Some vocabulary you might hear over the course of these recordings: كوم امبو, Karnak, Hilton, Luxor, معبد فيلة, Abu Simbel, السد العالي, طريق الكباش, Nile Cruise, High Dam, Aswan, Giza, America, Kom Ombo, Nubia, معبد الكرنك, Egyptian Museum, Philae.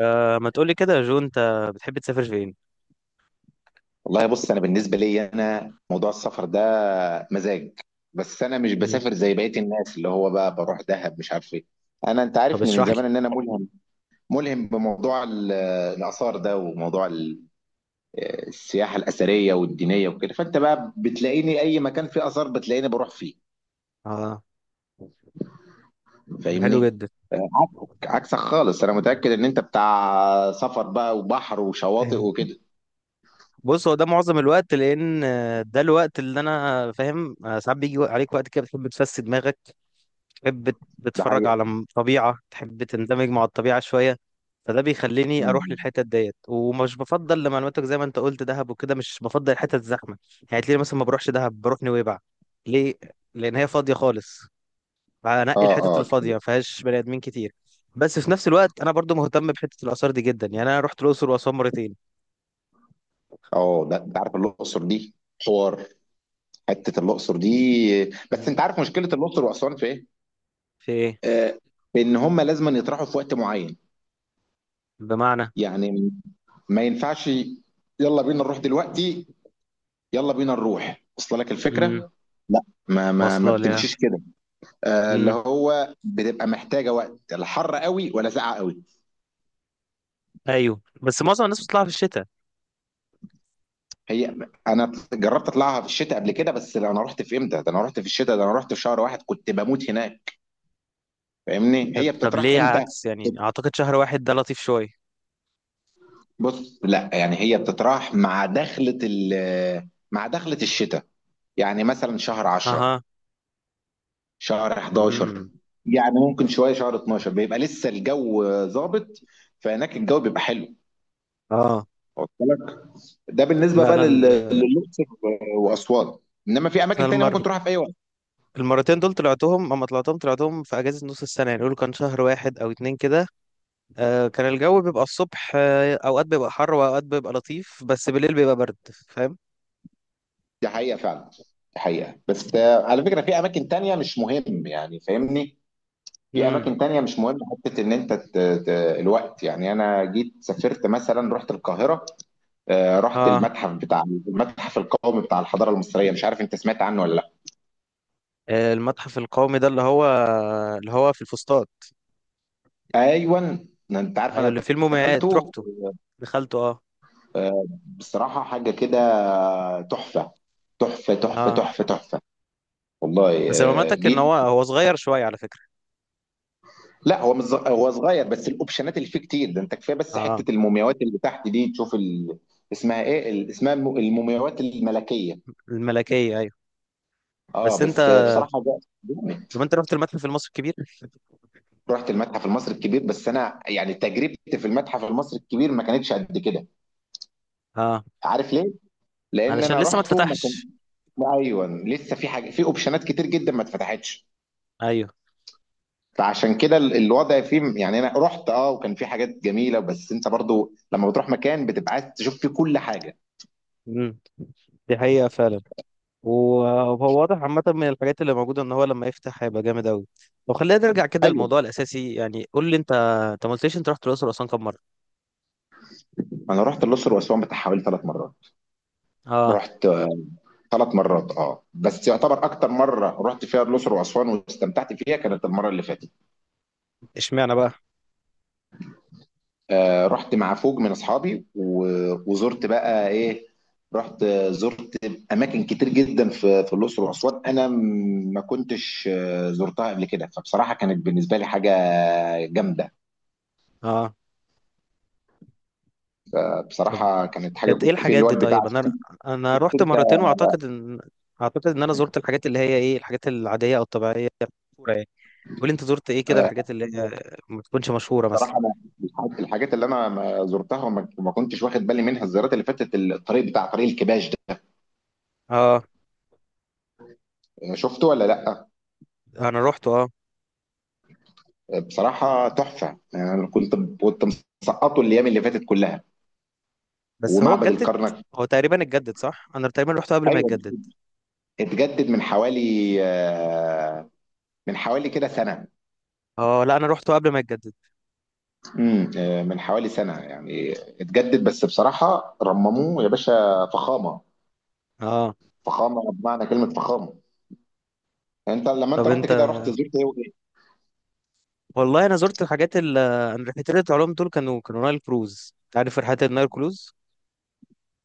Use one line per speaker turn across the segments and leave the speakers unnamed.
آه، ما تقولي كده يا جو. انت بتحب تسافر فين؟
والله، بص. انا بالنسبه لي، انا موضوع السفر ده مزاج. بس انا مش
مم.
بسافر زي بقيه الناس اللي هو بقى بروح دهب، مش عارف ايه. انت
طب
عارفني من
اشرح لي.
زمان ان انا ملهم. ملهم بموضوع الاثار ده، وموضوع السياحه الاثريه والدينيه وكده. فانت بقى بتلاقيني اي مكان فيه اثار، بتلاقيني بروح فيه.
اه، ده حلو
فاهمني؟
جدا.
عكسك، عكسك خالص. انا متاكد ان انت بتاع سفر بقى وبحر وشواطئ وكده.
بص، هو ده معظم الوقت لان ده الوقت اللي انا فاهم. ساعات بيجي عليك وقت كده بتحب تفسد دماغك. تحب
ده
بتتفرج على
حقيقة.
طبيعة، تحب تندمج مع الطبيعة شوية. فده بيخليني اروح
مم.
للحتت ديت، ومش بفضل لمعلوماتك زي ما انت قلت دهب وكده، مش بفضل الحتت الزحمة. يعني تلاقيني مثلا ما بروحش دهب، بروح نويبع. ليه؟ لان هي فاضية خالص، فهنقي
اه،
الحتت
اه،
الفاضيه ما فيهاش بني ادمين كتير. بس في نفس الوقت انا برضو مهتم بحته الاثار دي جدا، يعني انا رحت الاقصر واسوان مرتين.
اه. ده انت عارف الاقصر دي، حوار. حته الاقصر دي. بس
مم.
انت عارف مشكله الاقصر واسوان في ايه؟
في ايه؟
آه ان هم لازم يطرحوا في وقت معين.
بمعنى؟
يعني ما ينفعش يلا بينا نروح دلوقتي. يلا بينا نروح، وصل لك
امم.
الفكره؟ لا، ما
واصله ليها.
بتمشيش كده. اللي
امم.
هو بتبقى محتاجه وقت، لا حر قوي ولا ساقعه قوي.
ايوه، بس معظم الناس بتطلع في الشتاء.
هي انا جربت اطلعها في الشتاء قبل كده، بس انا رحت في امتى؟ ده انا رحت في الشتاء، ده انا رحت في شهر واحد، كنت بموت هناك. فاهمني؟
طب
هي
طب
بتطرح
ليه
امتى؟
عكس؟ يعني اعتقد شهر واحد ده لطيف شويه.
بص، لا يعني هي بتطرح مع دخلة ال مع دخلة الشتاء. يعني مثلا شهر 10،
اها.
شهر 11،
امم.
يعني ممكن شوية شهر 12 بيبقى لسه الجو ظابط. فهناك الجو بيبقى حلو.
اه.
واصل لك. ده بالنسبة
لا
بقى
انا
لل-
ال...
للأقصر وأسوان. إنما في
انا
أماكن تانية
المر...
ممكن تروحها في أي وقت.
المرتين دول طلعتهم، اما طلعتهم طلعتهم في اجازه نص السنه، يعني يقولوا كان شهر واحد او اتنين كده. كان الجو بيبقى الصبح اوقات بيبقى حر واوقات بيبقى لطيف، بس بالليل بيبقى برد. فاهم.
دي حقيقة فعلا. دي حقيقة، بس على فكرة، في أماكن تانية مش مهم، يعني فاهمني، في
امم.
أماكن تانية مش مهم. حتة إن أنت الوقت، يعني أنا جيت سافرت مثلا، رحت القاهرة. رحت
اه.
المتحف القومي بتاع الحضاره المصريه، مش عارف انت سمعت عنه ولا لا.
آه، المتحف القومي ده اللي هو اللي هو في الفسطاط.
ايوه، انت عارف
ايوه
انا
اللي فيه المومياوات
دخلته.
رحته. دخلته اه.
آه، بصراحه حاجه كده تحفه. تحفه، تحفه،
اه
تحفه، تحفه. والله.
بس معلوماتك ان
جيت،
هو صغير شويه على فكره.
لا هو مش هو صغير، بس الاوبشنات اللي فيه كتير ده، انت كفايه بس
اه.
حته المومياوات اللي تحت دي. تشوف اسمها ايه، المومياوات الملكيه.
الملكيه ايوه.
اه،
بس انت،
بس بصراحه ده جامد.
طب انت رحت المتحف المصري الكبير؟
رحت المتحف المصري الكبير، بس انا يعني تجربتي في المتحف المصري الكبير ما كانتش قد كده.
اه.
عارف ليه؟ لان
علشان
انا
لسه ما
رحته ما كانش،
اتفتحش؟
ايوه، لسه في حاجه، في اوبشنات كتير جدا ما اتفتحتش.
ايوه.
فعشان كده الوضع فيه، يعني انا رحت وكان في حاجات جميله، بس انت برضو لما بتروح مكان بتبقى عايز تشوف فيه كل حاجه.
امم. دي حقيقه فعلا. وهو واضح عامة من الحاجات اللي موجودة ان هو لما يفتح هيبقى جامد أوي. طب خلينا نرجع كده
ايوه،
للموضوع الأساسي. يعني قول لي انت، انت ما قلتليش انت رحت الأقصر وأسوان كام مرة؟
انا رحت الاقصر واسوان بتاع حوالي 3 مرات.
اه.
رحت ثلاث مرات، اه، بس يعتبر اكتر مره رحت فيها الاقصر واسوان واستمتعت فيها كانت المره اللي فاتت.
اشمعنى بقى؟
رحت مع فوج من اصحابي، وزرت بقى ايه. رحت آه، زرت اماكن كتير جدا في الاقصر واسوان، انا ما كنتش زرتها قبل كده، فبصراحه كانت بالنسبه لي حاجه جامده.
اه. طب
بصراحه كانت حاجه
كانت ايه
كنت في
الحاجات
اللي هو
دي
البتاع
طيب؟
شفت
انا رحت
انت.
مرتين، واعتقد ان انا زرت الحاجات اللي هي ايه، الحاجات العادية او الطبيعية المشهورة يعني. قول لي انت زرت ايه كده،
آه،
الحاجات اللي هي ما تكونش مشهورة مثلا.
بصراحه انا الحاجات اللي انا ما زرتها وما كنتش واخد بالي منها الزيارات اللي فاتت، الطريق بتاع طريق الكباش ده.
اه.
شفته ولا لا.
انا رحت اه.
بصراحه تحفه. انا يعني كنت مسقطه الايام اللي فاتت كلها،
بس هو
ومعبد
اتجدد،
الكرنك.
هو تقريبا اتجدد صح؟ انا تقريبا رحته قبل ما
ايوه،
يتجدد.
اتجدد آه، من حوالي كده سنه.
اه، لا انا رحته قبل ما يتجدد.
من حوالي سنه، يعني اتجدد، بس بصراحه رمموه يا باشا، فخامه،
اه.
فخامه بمعنى كلمه فخامه. انت لما
طب
رحت
انت،
كده، رحت زرت ايه وايه؟
والله انا زرت الحاجات ال انا رحلتين العلوم دول، كانوا نايل كروز. انت عارف رحلات النايل كروز؟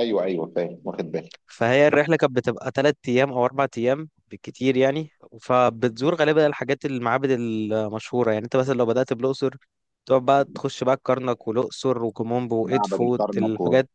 ايوه، ايوه، فاهم واخد بالي.
فهي الرحله كانت بتبقى ثلاث ايام او اربع ايام بالكتير يعني. فبتزور غالبا الحاجات المعابد المشهوره، يعني انت مثلا لو بدات بالاقصر، تقعد بقى تخش بقى الكرنك والاقصر وكومومبو
معبد
وادفو،
الكرنك
الحاجات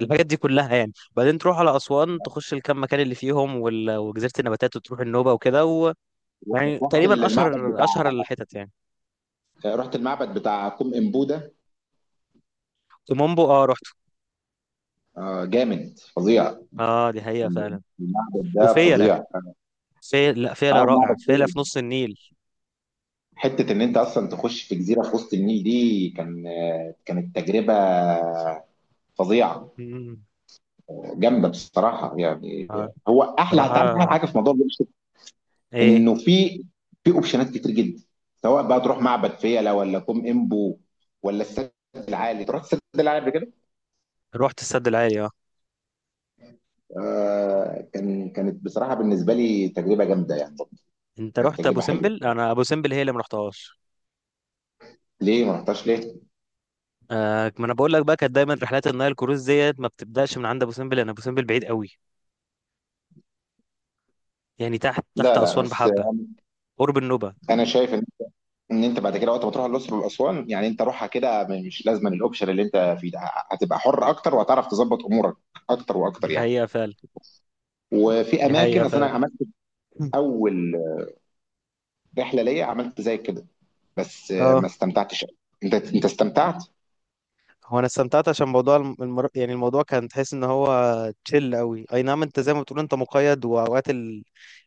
الحاجات دي كلها. يعني بعدين تروح على اسوان تخش الكام مكان اللي فيهم، وجزيره النباتات، وتروح النوبه وكده و...
و-
يعني
رحت
تقريبا
المعبد
اشهر
بتاع
اشهر الحتت يعني.
رحت المعبد بتاع كوم امبوده.
كومومبو اه رحت.
جامد فظيع.
اه، دي حقيقة فعلا.
المعبد ده
وفيلة.
فظيع.
لا، فيلة
اه
رائع،
معبد
فيلة في نص النيل.
حتة إن أنت أصلا تخش في جزيرة في وسط النيل دي كانت تجربة فظيعة
مم.
جامدة بصراحة يعني.
اه.
هو
صراحة.
هتعرف أحلى حاجة في موضوع الأقصر،
ايه؟
إنه في أوبشنات كتير جدا، سواء بقى تروح معبد فيلة ولا كوم إمبو ولا السد العالي. تروح السد العالي قبل كده؟
رحت السد العالي اه.
آه، كانت بصراحة بالنسبة لي تجربة جامدة يعني.
انت
كانت
رحت ابو
تجربة حلوة.
سمبل؟ انا ابو سمبل هي اللي ما رحتهاش.
ليه ما رحتهاش، ليه؟
آه، ما انا بقول لك بقى، كانت دايما رحلات النايل كروز ديت ما بتبداش من عند ابو سمبل، لان ابو سمبل بعيد قوي. يعني تحت
لا، لا،
اسوان
بس
بحبة، قرب النوبة.
أنا شايف ان انت بعد كده وقت ما تروح الاقصر واسوان، يعني انت روحها كده، مش لازم الاوبشن اللي انت فيه ده، هتبقى حر اكتر وهتعرف تظبط امورك اكتر
دي
واكتر يعني.
حقيقة فعلا.
وفي
دي حقيقة
اماكن، اصل
فعلا.
انا عملت اول رحله ليا عملت زي كده، بس
اه.
ما استمتعتش أوي. انت استمتعت.
هو انا استمتعت عشان موضوع يعني الموضوع كان تحس ان هو تشيل قوي. اي نعم، انت زي ما بتقول انت مقيد، واوقات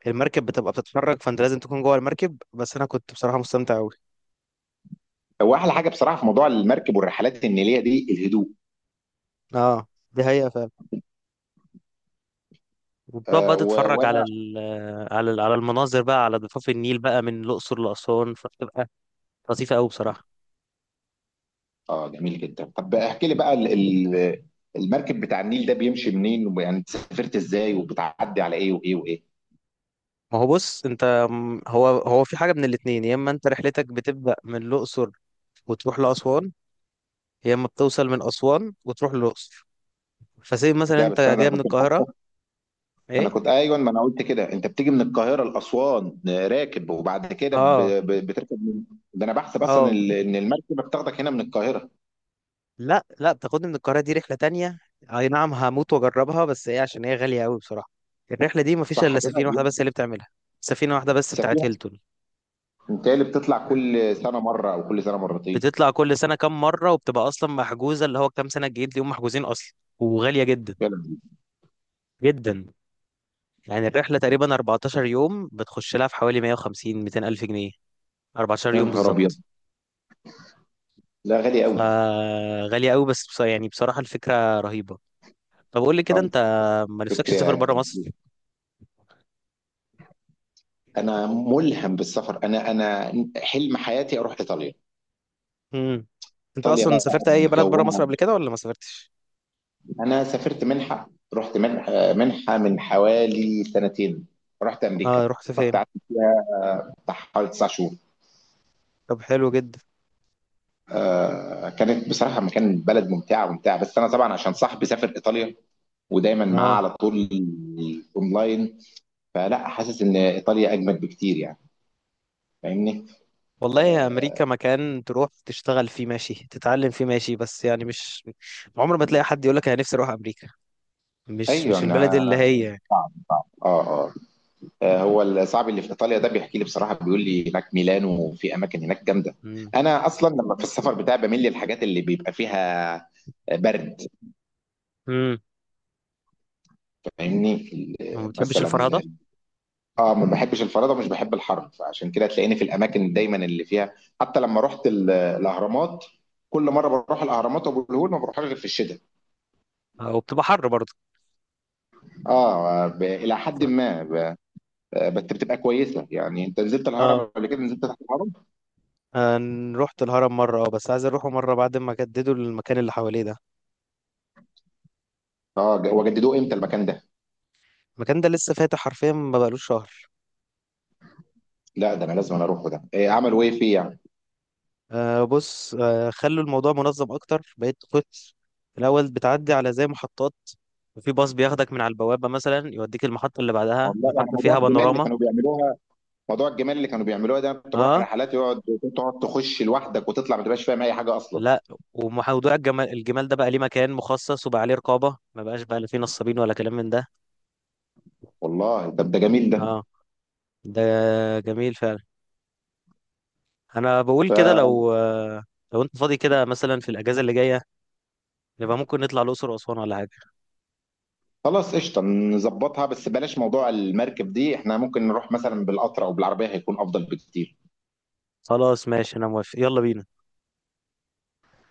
المركب بتبقى بتتفرج، فانت لازم تكون جوه المركب. بس انا كنت بصراحة مستمتع قوي.
هو احلى حاجه بصراحه في موضوع المركب والرحلات النيليه دي الهدوء.
اه. دي حقيقة فعلا. وبتقعد
آه،
بقى
و-
تتفرج
وانا
على المناظر بقى على ضفاف النيل بقى من الأقصر لأسوان، فبتبقى لطيفة قوي بصراحة.
اه، جميل جدا. طب احكي لي بقى المركب بتاع النيل ده بيمشي منين، ويعني سافرت ازاي، وبتعدي على ايه وايه وايه؟
ما هو بص انت هو في حاجة من الاتنين: يا اما انت رحلتك بتبدأ من الأقصر وتروح لأسوان، يا اما بتوصل من أسوان وتروح للأقصر. فسيب مثلا
ده
انت
بس انا ده
جاي
أنا
من
كنت،
القاهرة.
انا
ايه؟
كنت ايوه ما انا قلت كده، انت بتيجي من القاهره لاسوان راكب، وبعد كده
اه
بتركب ده انا بحسب اصلا
اه،
ان المركبه بتاخدك هنا من القاهره.
لا لا، بتاخدني من القاهرة دي رحلة تانية. اي نعم هموت واجربها، بس ايه عشان هي غالية قوي بصراحة. الرحلة دي مفيش
صح
الا
كده.
سفينة واحدة بس هي اللي بتعملها، سفينة واحدة بس بتاعت
سفينه.
هيلتون.
انت اللي بتطلع كل سنه مره او كل سنه مرتين.
بتطلع كل سنة كام مرة، وبتبقى اصلا محجوزة، اللي هو كام سنة الجديد دي هم محجوزين اصلا. وغالية جدا،
يا لهوي.
جدا. يعني الرحلة تقريبا 14 يوم بتخش لها في حوالي 150 200 ألف جنيه. 14
يا
يوم
نهار ابيض،
بالظبط.
لا غالي قوي.
فغالية قوي بس يعني بصراحة الفكرة رهيبة. طب قول لي كده
اه،
انت، ما نفسكش تسافر
فكرة.
بره مصر؟
انا ملهم بالسفر، انا حلم حياتي اروح ايطاليا.
امم. انت
ايطاليا
اصلا
بقى
سافرت اي بلد بره
بجوها.
مصر قبل كده ولا ما سافرتش؟
انا سافرت منحه، رحت منحه من حوالي سنتين. رحت امريكا.
اه. رحت
رحت
فين؟
قعدت بتاع حوالي 9 شهور.
طب حلو جدا.
كانت بصراحه بلد ممتعه، ممتعه، بس انا طبعا عشان صاحبي سافر ايطاليا ودايما معاه
اه.
على طول اونلاين، فلا حاسس ان ايطاليا اجمد بكتير يعني. فاهمني؟
والله يا، امريكا مكان تروح تشتغل فيه ماشي، تتعلم فيه ماشي، بس يعني مش عمر ما تلاقي حد يقول لك انا نفسي اروح امريكا. مش
ايوه،
مش البلد
انا
اللي هي يعني.
اه اه آه، هو صاحبي اللي في ايطاليا ده بيحكي لي بصراحه، بيقول لي هناك ميلانو وفي اماكن هناك جامده.
امم.
انا اصلا لما في السفر بتاعي بميل للحاجات اللي بيبقى فيها برد.
امم.
فاهمني؟
ما بتحبش
مثلا،
الفرهده.
اه ما بحبش الفرادة، ومش بحب الحر، فعشان كده تلاقيني في الاماكن دايما اللي فيها. حتى لما رحت الاهرامات، كل مره بروح الاهرامات وابو الهول ما بروحهاش غير في الشتاء.
وبتبقى حر برضه.
اه، الى حد ما، ب... آه، بس بتبقى كويسه، يعني انت نزلت الهرم
اه.
قبل كده، نزلت تحت الهرم.
أنا رحت الهرم مرة اه، بس عايز اروحه مرة بعد ما جددوا المكان اللي حواليه ده.
اه، وجددوه امتى المكان ده؟
المكان ده لسه فاتح حرفيا، ما بقالوش شهر.
لا ده انا لازم، أنا اروحه، ده إيه عملوا ايه فيه يعني؟
آه، بص، آه خلوا الموضوع منظم اكتر، بقيت كنت الاول بتعدي على زي محطات، وفي باص بياخدك من على البوابه مثلا يوديك المحطه اللي بعدها،
والله يعني
محطه
موضوع
فيها
الجمال اللي
پانوراما.
كانوا بيعملوها، موضوع الجمال اللي كانوا بيعملوها ده، كنت بروح
اه.
رحلات تقعد تخش لوحدك وتطلع ما تبقاش فاهم اي حاجه اصلا.
لا. وموضوع الجمال، الجمال ده بقى ليه مكان مخصص، وبقى عليه رقابه، ما بقاش بقى لا فيه نصابين ولا كلام من ده.
والله ده جميل.
اه. ده جميل فعلا. انا بقول كده
ده
لو آه لو انت فاضي كده مثلا في الاجازه اللي جايه، نبقى ممكن نطلع الاقصر واسوان ولا حاجه.
خلاص قشطة، نظبطها، بس بلاش موضوع المركب دي، احنا ممكن نروح مثلا بالقطر او بالعربية، هيكون افضل بكتير.
خلاص ماشي انا موافق، يلا بينا.